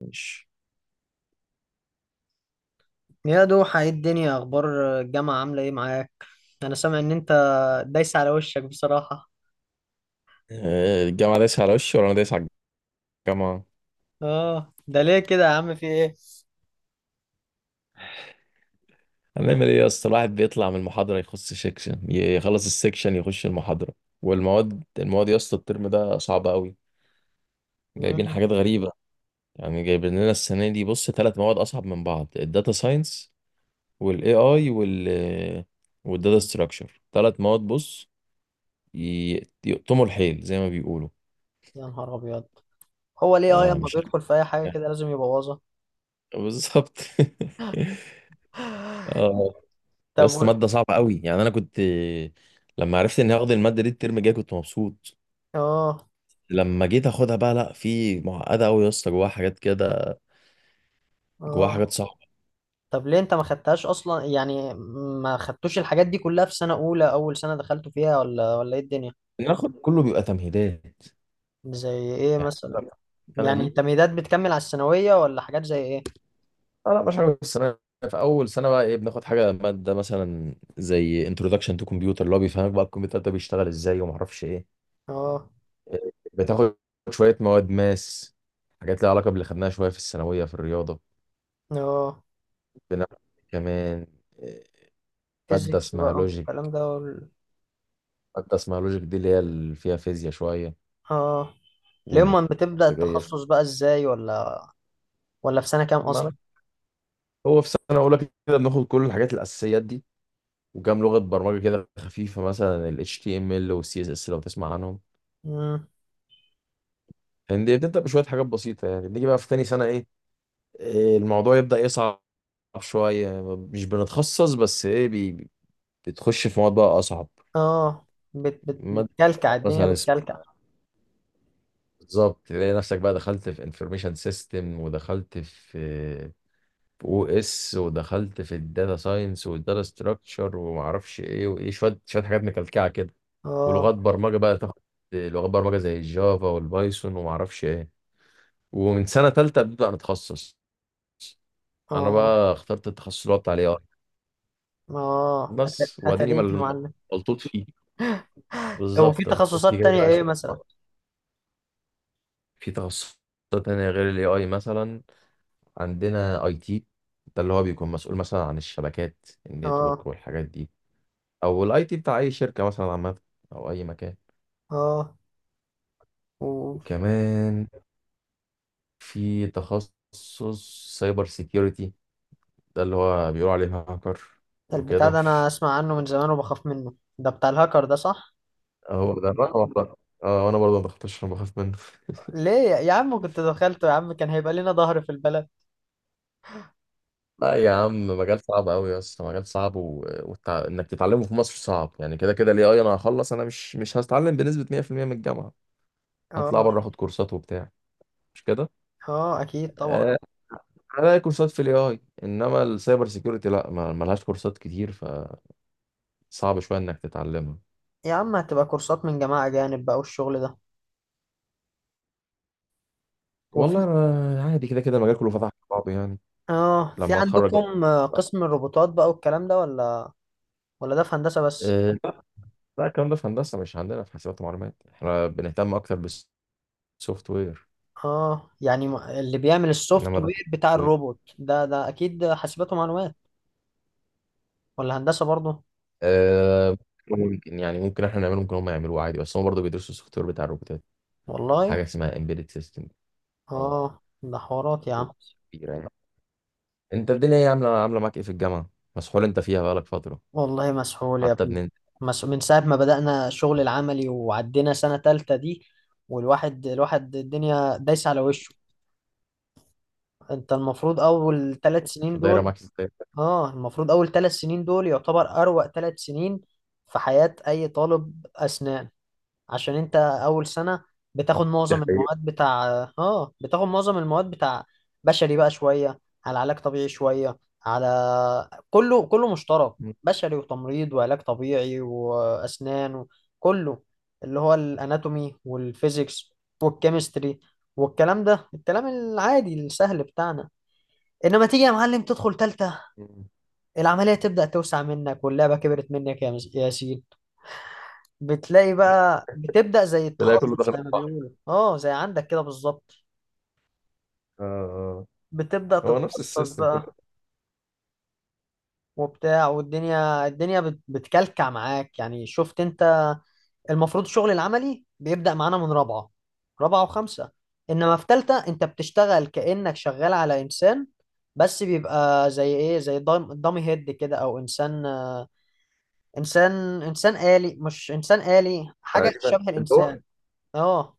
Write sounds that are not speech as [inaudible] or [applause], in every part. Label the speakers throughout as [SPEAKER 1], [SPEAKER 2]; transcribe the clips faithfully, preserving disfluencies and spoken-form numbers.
[SPEAKER 1] ماشي.
[SPEAKER 2] يا دوحة، ايه الدنيا؟ اخبار الجامعة عاملة ايه معاك؟ انا سامع ان انت دايس على وشك بصراحة.
[SPEAKER 1] آه، الجامعة دايسة على وشي ولا أنا دايس على الجامعة؟
[SPEAKER 2] اه، ده ليه كده يا عم، في ايه؟
[SPEAKER 1] هنعمل إيه يا اسطى؟ الواحد بيطلع من المحاضرة يخش سيكشن يخلص السيكشن يخش المحاضرة. والمواد، المواد يا اسطى الترم ده صعبة أوي، جايبين
[SPEAKER 2] مم.
[SPEAKER 1] حاجات غريبة. يعني جايبين لنا السنة دي، بص، ثلاث مواد أصعب من بعض: الداتا ساينس والاي اي وال والداتا ستراكشر. ثلاث مواد، بص، ي- يقطموا الحيل زي ما بيقولوا.
[SPEAKER 2] يا نهار ابيض، هو ليه اه
[SPEAKER 1] آه
[SPEAKER 2] لما
[SPEAKER 1] مش
[SPEAKER 2] بيدخل في اي حاجة كده لازم يبوظها؟
[SPEAKER 1] [laughs] بالظبط [laughs]
[SPEAKER 2] [laughs]
[SPEAKER 1] اه يا
[SPEAKER 2] طب
[SPEAKER 1] اسطى
[SPEAKER 2] و-
[SPEAKER 1] ماده صعبه قوي، يعني انا كنت لما عرفت اني هاخد الماده دي الترم الجاي كنت مبسوط،
[SPEAKER 2] اه.
[SPEAKER 1] لما جيت اخدها بقى لا، في معقده قوي يا اسطى، جواها حاجات كده، جواها
[SPEAKER 2] اه.
[SPEAKER 1] حاجات صعبه.
[SPEAKER 2] طب ليه انت ما خدتهاش اصلا يعني؟ ما خدتوش الحاجات دي كلها في سنة اولى، اول سنة دخلتوا فيها، ولا ولا ايه الدنيا؟
[SPEAKER 1] ان اخد كله بيبقى تمهيدات،
[SPEAKER 2] زي ايه
[SPEAKER 1] يعني
[SPEAKER 2] مثلا؟
[SPEAKER 1] السنه
[SPEAKER 2] يعني
[SPEAKER 1] دي.
[SPEAKER 2] تمهيدات بتكمل على الثانوية ولا حاجات زي ايه؟
[SPEAKER 1] اه لا مش حاجه السنه. في اول سنه بقى ايه، بناخد حاجه ماده مثلا زي انتروداكشن تو كمبيوتر، اللي هو بيفهمك بقى الكمبيوتر ده بيشتغل ازاي وما اعرفش ايه.
[SPEAKER 2] اه.
[SPEAKER 1] بتاخد شويه مواد ماس، حاجات لها علاقه باللي خدناها شويه في الثانويه في الرياضه.
[SPEAKER 2] اه.
[SPEAKER 1] بناخد كمان ماده
[SPEAKER 2] فيزيكس
[SPEAKER 1] اسمها
[SPEAKER 2] بقى
[SPEAKER 1] لوجيك،
[SPEAKER 2] والكلام ده وال...
[SPEAKER 1] مادة اسمها لوجيك دي اللي هي اللي فيها فيزياء شوية
[SPEAKER 2] اه، لما بتبدأ
[SPEAKER 1] والبرمجية شوية.
[SPEAKER 2] التخصص بقى ازاي؟ ولا ولا في سنة كام اصلا؟
[SPEAKER 1] معنى هو في سنة أولى كده بناخد كل الحاجات الأساسيات دي، وكام لغة برمجة كده خفيفة مثلا ال إتش تي إم إل وال C S S لو تسمع عنهم.
[SPEAKER 2] مم.
[SPEAKER 1] يعني دي بتبدأ بشوية حاجات بسيطة، يعني نيجي بقى في تاني سنة إيه إيه، الموضوع يبدأ يصعب شوية. مش بنتخصص بس إيه، بي بي- بتخش في مواد بقى أصعب.
[SPEAKER 2] اه، بت... بت...
[SPEAKER 1] مادة
[SPEAKER 2] بتكلكع الدنيا،
[SPEAKER 1] مثلا
[SPEAKER 2] بتكلكع.
[SPEAKER 1] اسمها، بالظبط، تلاقي نفسك بقى دخلت في انفورميشن سيستم، ودخلت في و اس، ودخلت في الداتا ساينس والداتا ستراكشر وما اعرفش ايه وايه، شويه شويه حاجات مكلكعه كده.
[SPEAKER 2] اه.
[SPEAKER 1] ولغات برمجه بقى تاخد، لغات برمجه زي الجافا والبايثون وما اعرفش ايه. ومن سنه ثالثه ابتديت نتخصص. انا
[SPEAKER 2] اه.
[SPEAKER 1] بقى اخترت التخصص اللي هو بتاع الاي اي،
[SPEAKER 2] اه، أت-
[SPEAKER 1] بس واديني
[SPEAKER 2] اتاريك يا
[SPEAKER 1] مل-
[SPEAKER 2] معلم.
[SPEAKER 1] ملطوط فيه،
[SPEAKER 2] طب، وفي
[SPEAKER 1] بالظبط ملطوط فيه
[SPEAKER 2] تخصصات
[SPEAKER 1] جاي
[SPEAKER 2] تانية
[SPEAKER 1] بقى
[SPEAKER 2] ايه
[SPEAKER 1] شويه.
[SPEAKER 2] مثلا؟
[SPEAKER 1] في تخصصات تانية غير الاي اي، مثلا عندنا اي تي، ده اللي هو بيكون مسؤول مثلا عن الشبكات النتورك
[SPEAKER 2] اه.
[SPEAKER 1] والحاجات دي، او الاي تي بتاع اي شركه مثلا عامه او اي مكان.
[SPEAKER 2] اه. و...
[SPEAKER 1] وكمان في تخصص سايبر سيكيورتي، ده اللي هو بيقولوا عليه هاكر
[SPEAKER 2] البتاع
[SPEAKER 1] وكده.
[SPEAKER 2] ده انا اسمع عنه من زمان وبخاف منه، ده بتاع الهاكر ده، صح؟
[SPEAKER 1] هو ده الرقم ده. اه وانا برضه ما بختش، انا بخاف منه.
[SPEAKER 2] ليه يا يا عم، كنت دخلته يا عم، كان هيبقى لنا ظهر في البلد.
[SPEAKER 1] لا يا عم، مجال صعب قوي يا اسطى، مجال صعب، و... والتع... انك تتعلمه في مصر صعب. يعني كده كده الاي اي انا هخلص، انا مش مش هتعلم بنسبه مية في المية من الجامعه، هطلع
[SPEAKER 2] اه.
[SPEAKER 1] بره اخد كورسات وبتاع، مش كده؟
[SPEAKER 2] اه، اكيد طبعا.
[SPEAKER 1] آه... هلاقي كورسات في الاي اي، انما السايبر سيكيورتي لا، ما... ملهاش كورسات كتير، ف صعب شويه انك تتعلمها.
[SPEAKER 2] يا عم، هتبقى كورسات من جماعة أجانب بقى والشغل ده.
[SPEAKER 1] والله
[SPEAKER 2] وفي
[SPEAKER 1] انا عادي، كده كده المجال كله فتح على بعضه يعني.
[SPEAKER 2] اه في
[SPEAKER 1] لما اتخرج بقى.
[SPEAKER 2] عندكم آه، قسم الروبوتات بقى والكلام ده، ولا ولا ده في هندسة بس؟
[SPEAKER 1] أه لا الكلام ده في هندسه، مش عندنا في حاسبات ومعلومات، احنا بنهتم اكتر بالسوفت وير.
[SPEAKER 2] اه، يعني ما- اللي بيعمل السوفت
[SPEAKER 1] انما ده
[SPEAKER 2] وير
[SPEAKER 1] سوفت
[SPEAKER 2] بتاع
[SPEAKER 1] وير.
[SPEAKER 2] الروبوت ده، ده اكيد حاسبات ومعلومات ولا هندسة برضه؟
[SPEAKER 1] أه ممكن، يعني ممكن احنا نعمله، ممكن هم يعملوه عادي، بس هم برضه بيدرسوا السوفت وير بتاع الروبوتات.
[SPEAKER 2] والله.
[SPEAKER 1] حاجه اسمها امبيدد سيستم. اه
[SPEAKER 2] اه، ده حوارات يا عم.
[SPEAKER 1] وقصة كبيره يعني. انت الدنيا ايه عامله، عامله معاك ايه في الجامعه؟ مسحول انت فيها بقالك فتره،
[SPEAKER 2] والله مسحول يا
[SPEAKER 1] حتى
[SPEAKER 2] ابني.
[SPEAKER 1] بننت
[SPEAKER 2] مس... من ساعة ما بدأنا الشغل العملي وعدينا سنة تالتة دي، والواحد الواحد الدنيا دايسة على وشه. انت المفروض اول ثلاث
[SPEAKER 1] في
[SPEAKER 2] سنين
[SPEAKER 1] دايره
[SPEAKER 2] دول.
[SPEAKER 1] معاك ازاي؟
[SPEAKER 2] اه المفروض اول ثلاث سنين دول يعتبر اروع ثلاث سنين في حياة اي طالب اسنان. عشان انت اول سنة بتاخد
[SPEAKER 1] دي
[SPEAKER 2] معظم
[SPEAKER 1] حقيقة.
[SPEAKER 2] المواد بتاع. اه بتاخد معظم المواد بتاع بشري بقى شوية، على علاج طبيعي شوية، على، كله، كله مشترك. بشري وتمريض وعلاج طبيعي واسنان، كله. اللي هو الاناتومي والفيزيكس والكيمستري والكلام ده، الكلام العادي السهل بتاعنا. انما تيجي يا معلم تدخل تالتة،
[SPEAKER 1] مم.
[SPEAKER 2] العملية تبدأ توسع منك واللعبة كبرت منك يا مس- يا ياسين. بتلاقي بقى بتبدأ زي
[SPEAKER 1] تلاقي كله
[SPEAKER 2] التخصص
[SPEAKER 1] داخل في
[SPEAKER 2] زي ما
[SPEAKER 1] بعض.
[SPEAKER 2] بيقولوا، اه، زي عندك كده بالظبط.
[SPEAKER 1] آه.
[SPEAKER 2] بتبدأ
[SPEAKER 1] هو نفس
[SPEAKER 2] تتخصص
[SPEAKER 1] السيستم كله
[SPEAKER 2] بقى وبتاع، والدنيا الدنيا بت- بتكلكع معاك يعني، شفت انت؟ المفروض الشغل العملي بيبدأ معانا من رابعة، رابعة وخمسة. انما في تالتة، انت بتشتغل كأنك شغال على انسان، بس بيبقى زي ايه، زي دام- دامي هيد كده، او انسان. انسان انسان آلي، مش انسان آلي، حاجة
[SPEAKER 1] تقريبا،
[SPEAKER 2] شبه
[SPEAKER 1] اللي هو
[SPEAKER 2] الانسان. اه،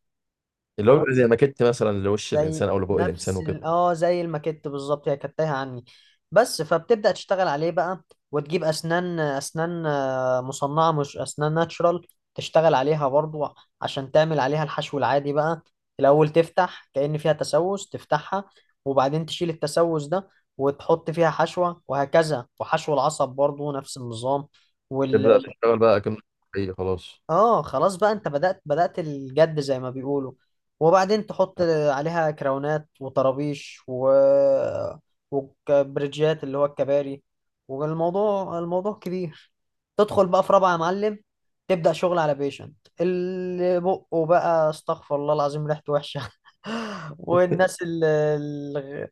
[SPEAKER 1] اللي هو بيبقى زي ماكيت مثلا لوش الانسان
[SPEAKER 2] زي
[SPEAKER 1] او لبوق الانسان
[SPEAKER 2] نفس
[SPEAKER 1] وكده.
[SPEAKER 2] ال- اه زي الماكيت بالظبط، هي كانت تايهة عني، بس. فبتبدأ تشتغل عليه بقى، وتجيب اسنان اسنان آه، مصنعة، مش اسنان ناتشرال. تشتغل عليها برضو عشان تعمل عليها الحشو العادي بقى. الاول تفتح كأن فيها تسوس، تفتحها، وبعدين تشيل التسوس ده، وتحط فيها حشوة، وهكذا. وحشو العصب برضو نفس النظام.
[SPEAKER 1] تبدا تشتغل بقى كأنه حقيقي خلاص.
[SPEAKER 2] اه، خلاص بقى، انت بدأت بدأت الجد زي ما بيقولوا. وبعدين تحط عليها كراونات وطرابيش و... وبرجيات اللي هو الكباري. والموضوع الموضوع كبير. تدخل بقى في رابعة يا معلم، تبدأ شغل على بيشنت اللي بقه بقى استغفر الله العظيم ريحته وحشة. [laughs]
[SPEAKER 1] [laughs]
[SPEAKER 2] والناس اللي اللي-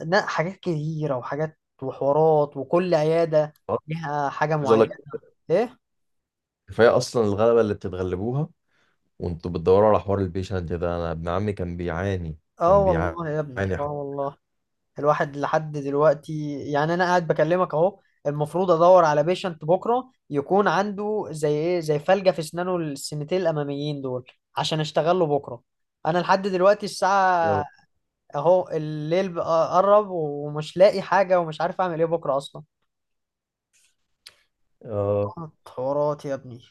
[SPEAKER 2] لا، حاجات كتيرة، وحاجات، وحوارات، وكل عيادة
[SPEAKER 1] خلاص.
[SPEAKER 2] ليها حاجة
[SPEAKER 1] عايز اقول
[SPEAKER 2] معينة.
[SPEAKER 1] لك،
[SPEAKER 2] ايه.
[SPEAKER 1] كفايه اصلا الغلبه اللي بتتغلبوها وانتوا بتدوروا على حوار البيشنت ده. انا ابن عمي كان بيعاني
[SPEAKER 2] اه
[SPEAKER 1] كان بيعاني
[SPEAKER 2] والله يا ابني، اه
[SPEAKER 1] حرفيا.
[SPEAKER 2] والله. الواحد لحد دلوقتي يعني، انا قاعد بكلمك اهو، المفروض ادور على بيشنت بكره يكون عنده زي ايه، زي فلجة في اسنانه السنتين الاماميين دول، عشان اشتغل له بكره. انا لحد دلوقتي الساعه اهو الليل بقى قرب، ومش لاقي حاجه ومش عارف اعمل ايه بكره اصلا.
[SPEAKER 1] اه
[SPEAKER 2] حوارات يا ابني.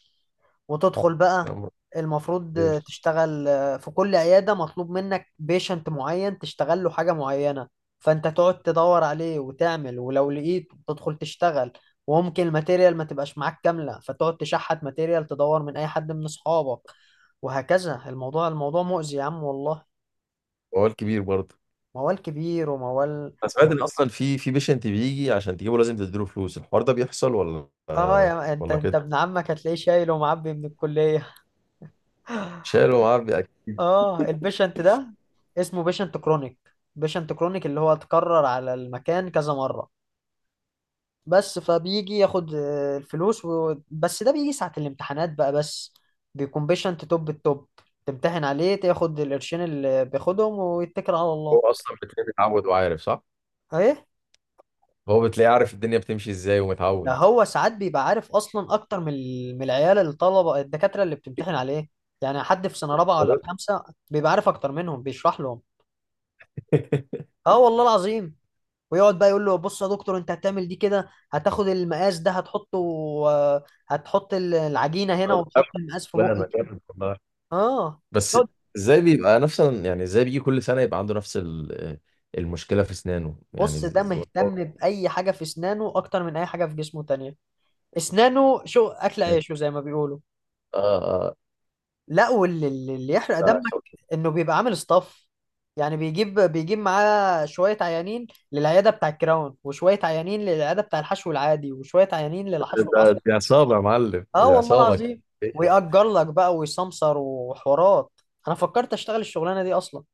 [SPEAKER 2] وتدخل بقى،
[SPEAKER 1] يا عمر،
[SPEAKER 2] المفروض
[SPEAKER 1] خير؟
[SPEAKER 2] تشتغل، آه، في كل عيادة مطلوب منك بيشنت معين تشتغل له حاجة معينة. فانت تقعد تدور عليه، وتعمل، ولو لقيت تدخل تشتغل. وممكن الماتيريال ما تبقاش معاك كاملة، فتقعد تشحت ماتيريال، تدور من اي حد من اصحابك، وهكذا. الموضوع الموضوع مؤذي يا عم والله.
[SPEAKER 1] وقال كبير برضه.
[SPEAKER 2] موال كبير وموال.
[SPEAKER 1] انا سمعت ان اصلا في في بيشنت بيجي، عشان تجيبه لازم تديله فلوس، الحوار ده بيحصل ولا
[SPEAKER 2] اه،
[SPEAKER 1] آه،
[SPEAKER 2] يا انت
[SPEAKER 1] ولا
[SPEAKER 2] انت
[SPEAKER 1] كده؟
[SPEAKER 2] ابن عمك هتلاقيه شايل ومعبي من الكلية. [laughs]
[SPEAKER 1] شاله معاه بيأكل.
[SPEAKER 2] اه، البيشنت ده اسمه بيشنت كرونيك. بيشنت كرونيك اللي هو اتكرر على المكان كذا مرة بس، فبيجي ياخد آه، الفلوس و... بس ده بيجي ساعة الامتحانات بقى بس، بيكون بيشنت توب التوب، تمتحن عليه، تاخد القرشين اللي بياخدهم ويتكل على
[SPEAKER 1] هو
[SPEAKER 2] الله.
[SPEAKER 1] اصلا بتلاقيه متعود وعارف، صح؟
[SPEAKER 2] ايه.
[SPEAKER 1] هو بتلاقيه عارف الدنيا بتمشي ازاي
[SPEAKER 2] ده
[SPEAKER 1] ومتعود.
[SPEAKER 2] هو ساعات بيبقى عارف اصلا اكتر من ال- من العيال، الطلبة الدكاترة اللي بتمتحن عليه، يعني حد في سنة رابعة ولا في
[SPEAKER 1] [laughs]
[SPEAKER 2] خمسة. بيبقى عارف اكتر منهم، بيشرح لهم. اه والله العظيم. ويقعد بقى يقول له: بص يا دكتور، انت هتعمل دي كده، هتاخد المقاس ده، هتحطه، آه، هتحط ال- العجينة هنا،
[SPEAKER 1] والله
[SPEAKER 2] وتحط المقاس في
[SPEAKER 1] لا
[SPEAKER 2] بقك.
[SPEAKER 1] انا جامد والله.
[SPEAKER 2] اه،
[SPEAKER 1] بس
[SPEAKER 2] يقعد-
[SPEAKER 1] ازاي بيبقى نفس ال-، يعني ازاي بيجي كل سنة يبقى عنده نفس ال- المشكلة في اسنانه؟ يعني
[SPEAKER 2] بص،
[SPEAKER 1] ز-
[SPEAKER 2] ده
[SPEAKER 1] ز- والله.
[SPEAKER 2] مهتم بأي حاجة في اسنانه اكتر من اي حاجة في جسمه تانية. اسنانه شو اكل عيشه زي ما بيقولوا.
[SPEAKER 1] اه. اه.
[SPEAKER 2] لا، واللي اللي اللي يحرق
[SPEAKER 1] ده
[SPEAKER 2] دمك
[SPEAKER 1] شغل-
[SPEAKER 2] انه بيبقى عامل اصطاف. يعني بيجيب بيجيب معاه شوية عيانين للعيادة بتاع الكراون، وشوية عيانين للعيادة بتاع الحشو العادي، وشوية عيانين للحشو العصب.
[SPEAKER 1] ده، دي عصابة يا معلم،
[SPEAKER 2] اه
[SPEAKER 1] دي
[SPEAKER 2] والله
[SPEAKER 1] عصابة.
[SPEAKER 2] العظيم. ويأجر لك بقى، ويسمسر، وحوارات. انا فكرت اشتغل الشغلانه دي اصلا.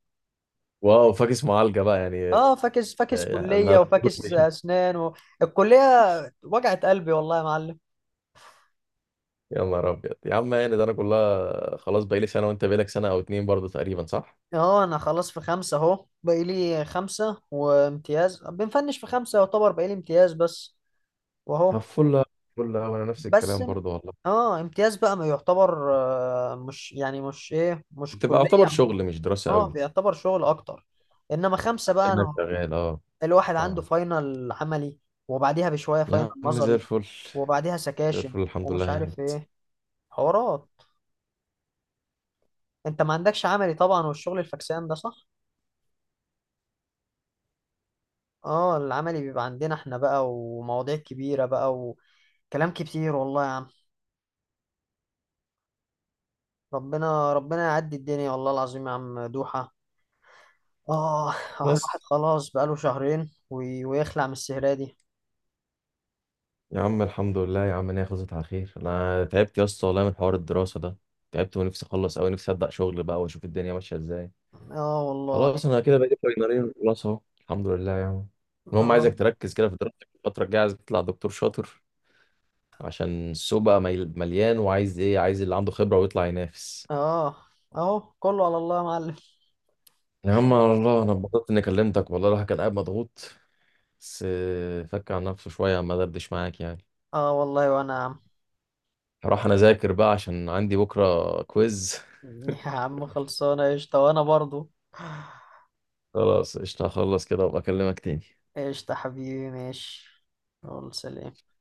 [SPEAKER 1] واو فاكس معالجة بقى يعني.
[SPEAKER 2] اه، فاكس
[SPEAKER 1] [laughs]
[SPEAKER 2] فاكس
[SPEAKER 1] يعني
[SPEAKER 2] كليه،
[SPEAKER 1] انا،
[SPEAKER 2] وفاكس اسنان و... الكليه وجعت قلبي والله يا معلم.
[SPEAKER 1] يا نهار ابيض يا عم، يعني ده انا كلها خلاص بقالي سنة، وانت بقالك سنة او اتنين برضه تقريبا، صح؟
[SPEAKER 2] اه، انا خلاص في خمسه اهو، باقي لي خمسه وامتياز بنفنش. في خمسه يعتبر باقي لي امتياز بس،
[SPEAKER 1] طب
[SPEAKER 2] واهو.
[SPEAKER 1] فل فل أوي، انا نفس
[SPEAKER 2] بس
[SPEAKER 1] الكلام
[SPEAKER 2] ام-
[SPEAKER 1] برضه والله.
[SPEAKER 2] اه امتياز بقى ما يعتبر، آه، مش يعني، مش ايه، مش
[SPEAKER 1] بتبقى
[SPEAKER 2] كليه
[SPEAKER 1] يعتبر
[SPEAKER 2] عموما.
[SPEAKER 1] شغل مش دراسة
[SPEAKER 2] اه،
[SPEAKER 1] قوي.
[SPEAKER 2] بيعتبر شغل اكتر. انما خمسه بقى،
[SPEAKER 1] كأنك
[SPEAKER 2] انا
[SPEAKER 1] شغال، اه.
[SPEAKER 2] الواحد عنده
[SPEAKER 1] فاهمك.
[SPEAKER 2] فاينل عملي، وبعديها بشوية فاينل
[SPEAKER 1] يا عم زي
[SPEAKER 2] نظري،
[SPEAKER 1] الفل،
[SPEAKER 2] وبعديها
[SPEAKER 1] زي
[SPEAKER 2] سكاشن
[SPEAKER 1] الفل، الحمد
[SPEAKER 2] ومش
[SPEAKER 1] لله
[SPEAKER 2] عارف
[SPEAKER 1] هانت.
[SPEAKER 2] ايه، حوارات. انت ما عندكش عملي طبعا، والشغل الفكسان ده، صح؟ اه، العملي بيبقى عندنا احنا بقى، ومواضيع كبيرة بقى، وكلام كتير والله يا عم. ربنا ربنا يعدي الدنيا والله العظيم يا عم دوحة. اه، آه، الواحد
[SPEAKER 1] بس
[SPEAKER 2] خلاص بقاله شهرين وي- ويخلع من السهرة دي.
[SPEAKER 1] يا عم الحمد لله يا عم ان هي خلصت على خير. انا تعبت يا اسطى والله من حوار الدراسة ده، تعبت ونفسي اخلص قوي، نفسي ابدا شغل بقى واشوف الدنيا ماشية ازاي.
[SPEAKER 2] اه والله.
[SPEAKER 1] خلاص انا كده بقيت فاينلين خلاص اهو الحمد لله يعني. المهم
[SPEAKER 2] اه.
[SPEAKER 1] عايزك تركز كده في دراستك الفترة الجاية، عايز تطلع دكتور شاطر، عشان السوق بقى ميل- مليان، وعايز ايه، عايز اللي عنده خبرة ويطلع ينافس.
[SPEAKER 2] اه اهو كله على الله يا معلم.
[SPEAKER 1] يا عم على الله، انا اتبسطت اني كلمتك والله، الواحد كان قاعد مضغوط بس آه، فك عن نفسه شوية ما دردش معاك يعني.
[SPEAKER 2] اه والله وانا.
[SPEAKER 1] هروح أنا أذاكر بقى عشان عندي بكرة كويز.
[SPEAKER 2] يا عم خلصانة قشطة، وأنا برضو.
[SPEAKER 1] [laughs] خلاص قشطة، هخلص كده وأبقى أكلمك تاني.
[SPEAKER 2] قشطة حبيبي، ماشي. يلا، سلام.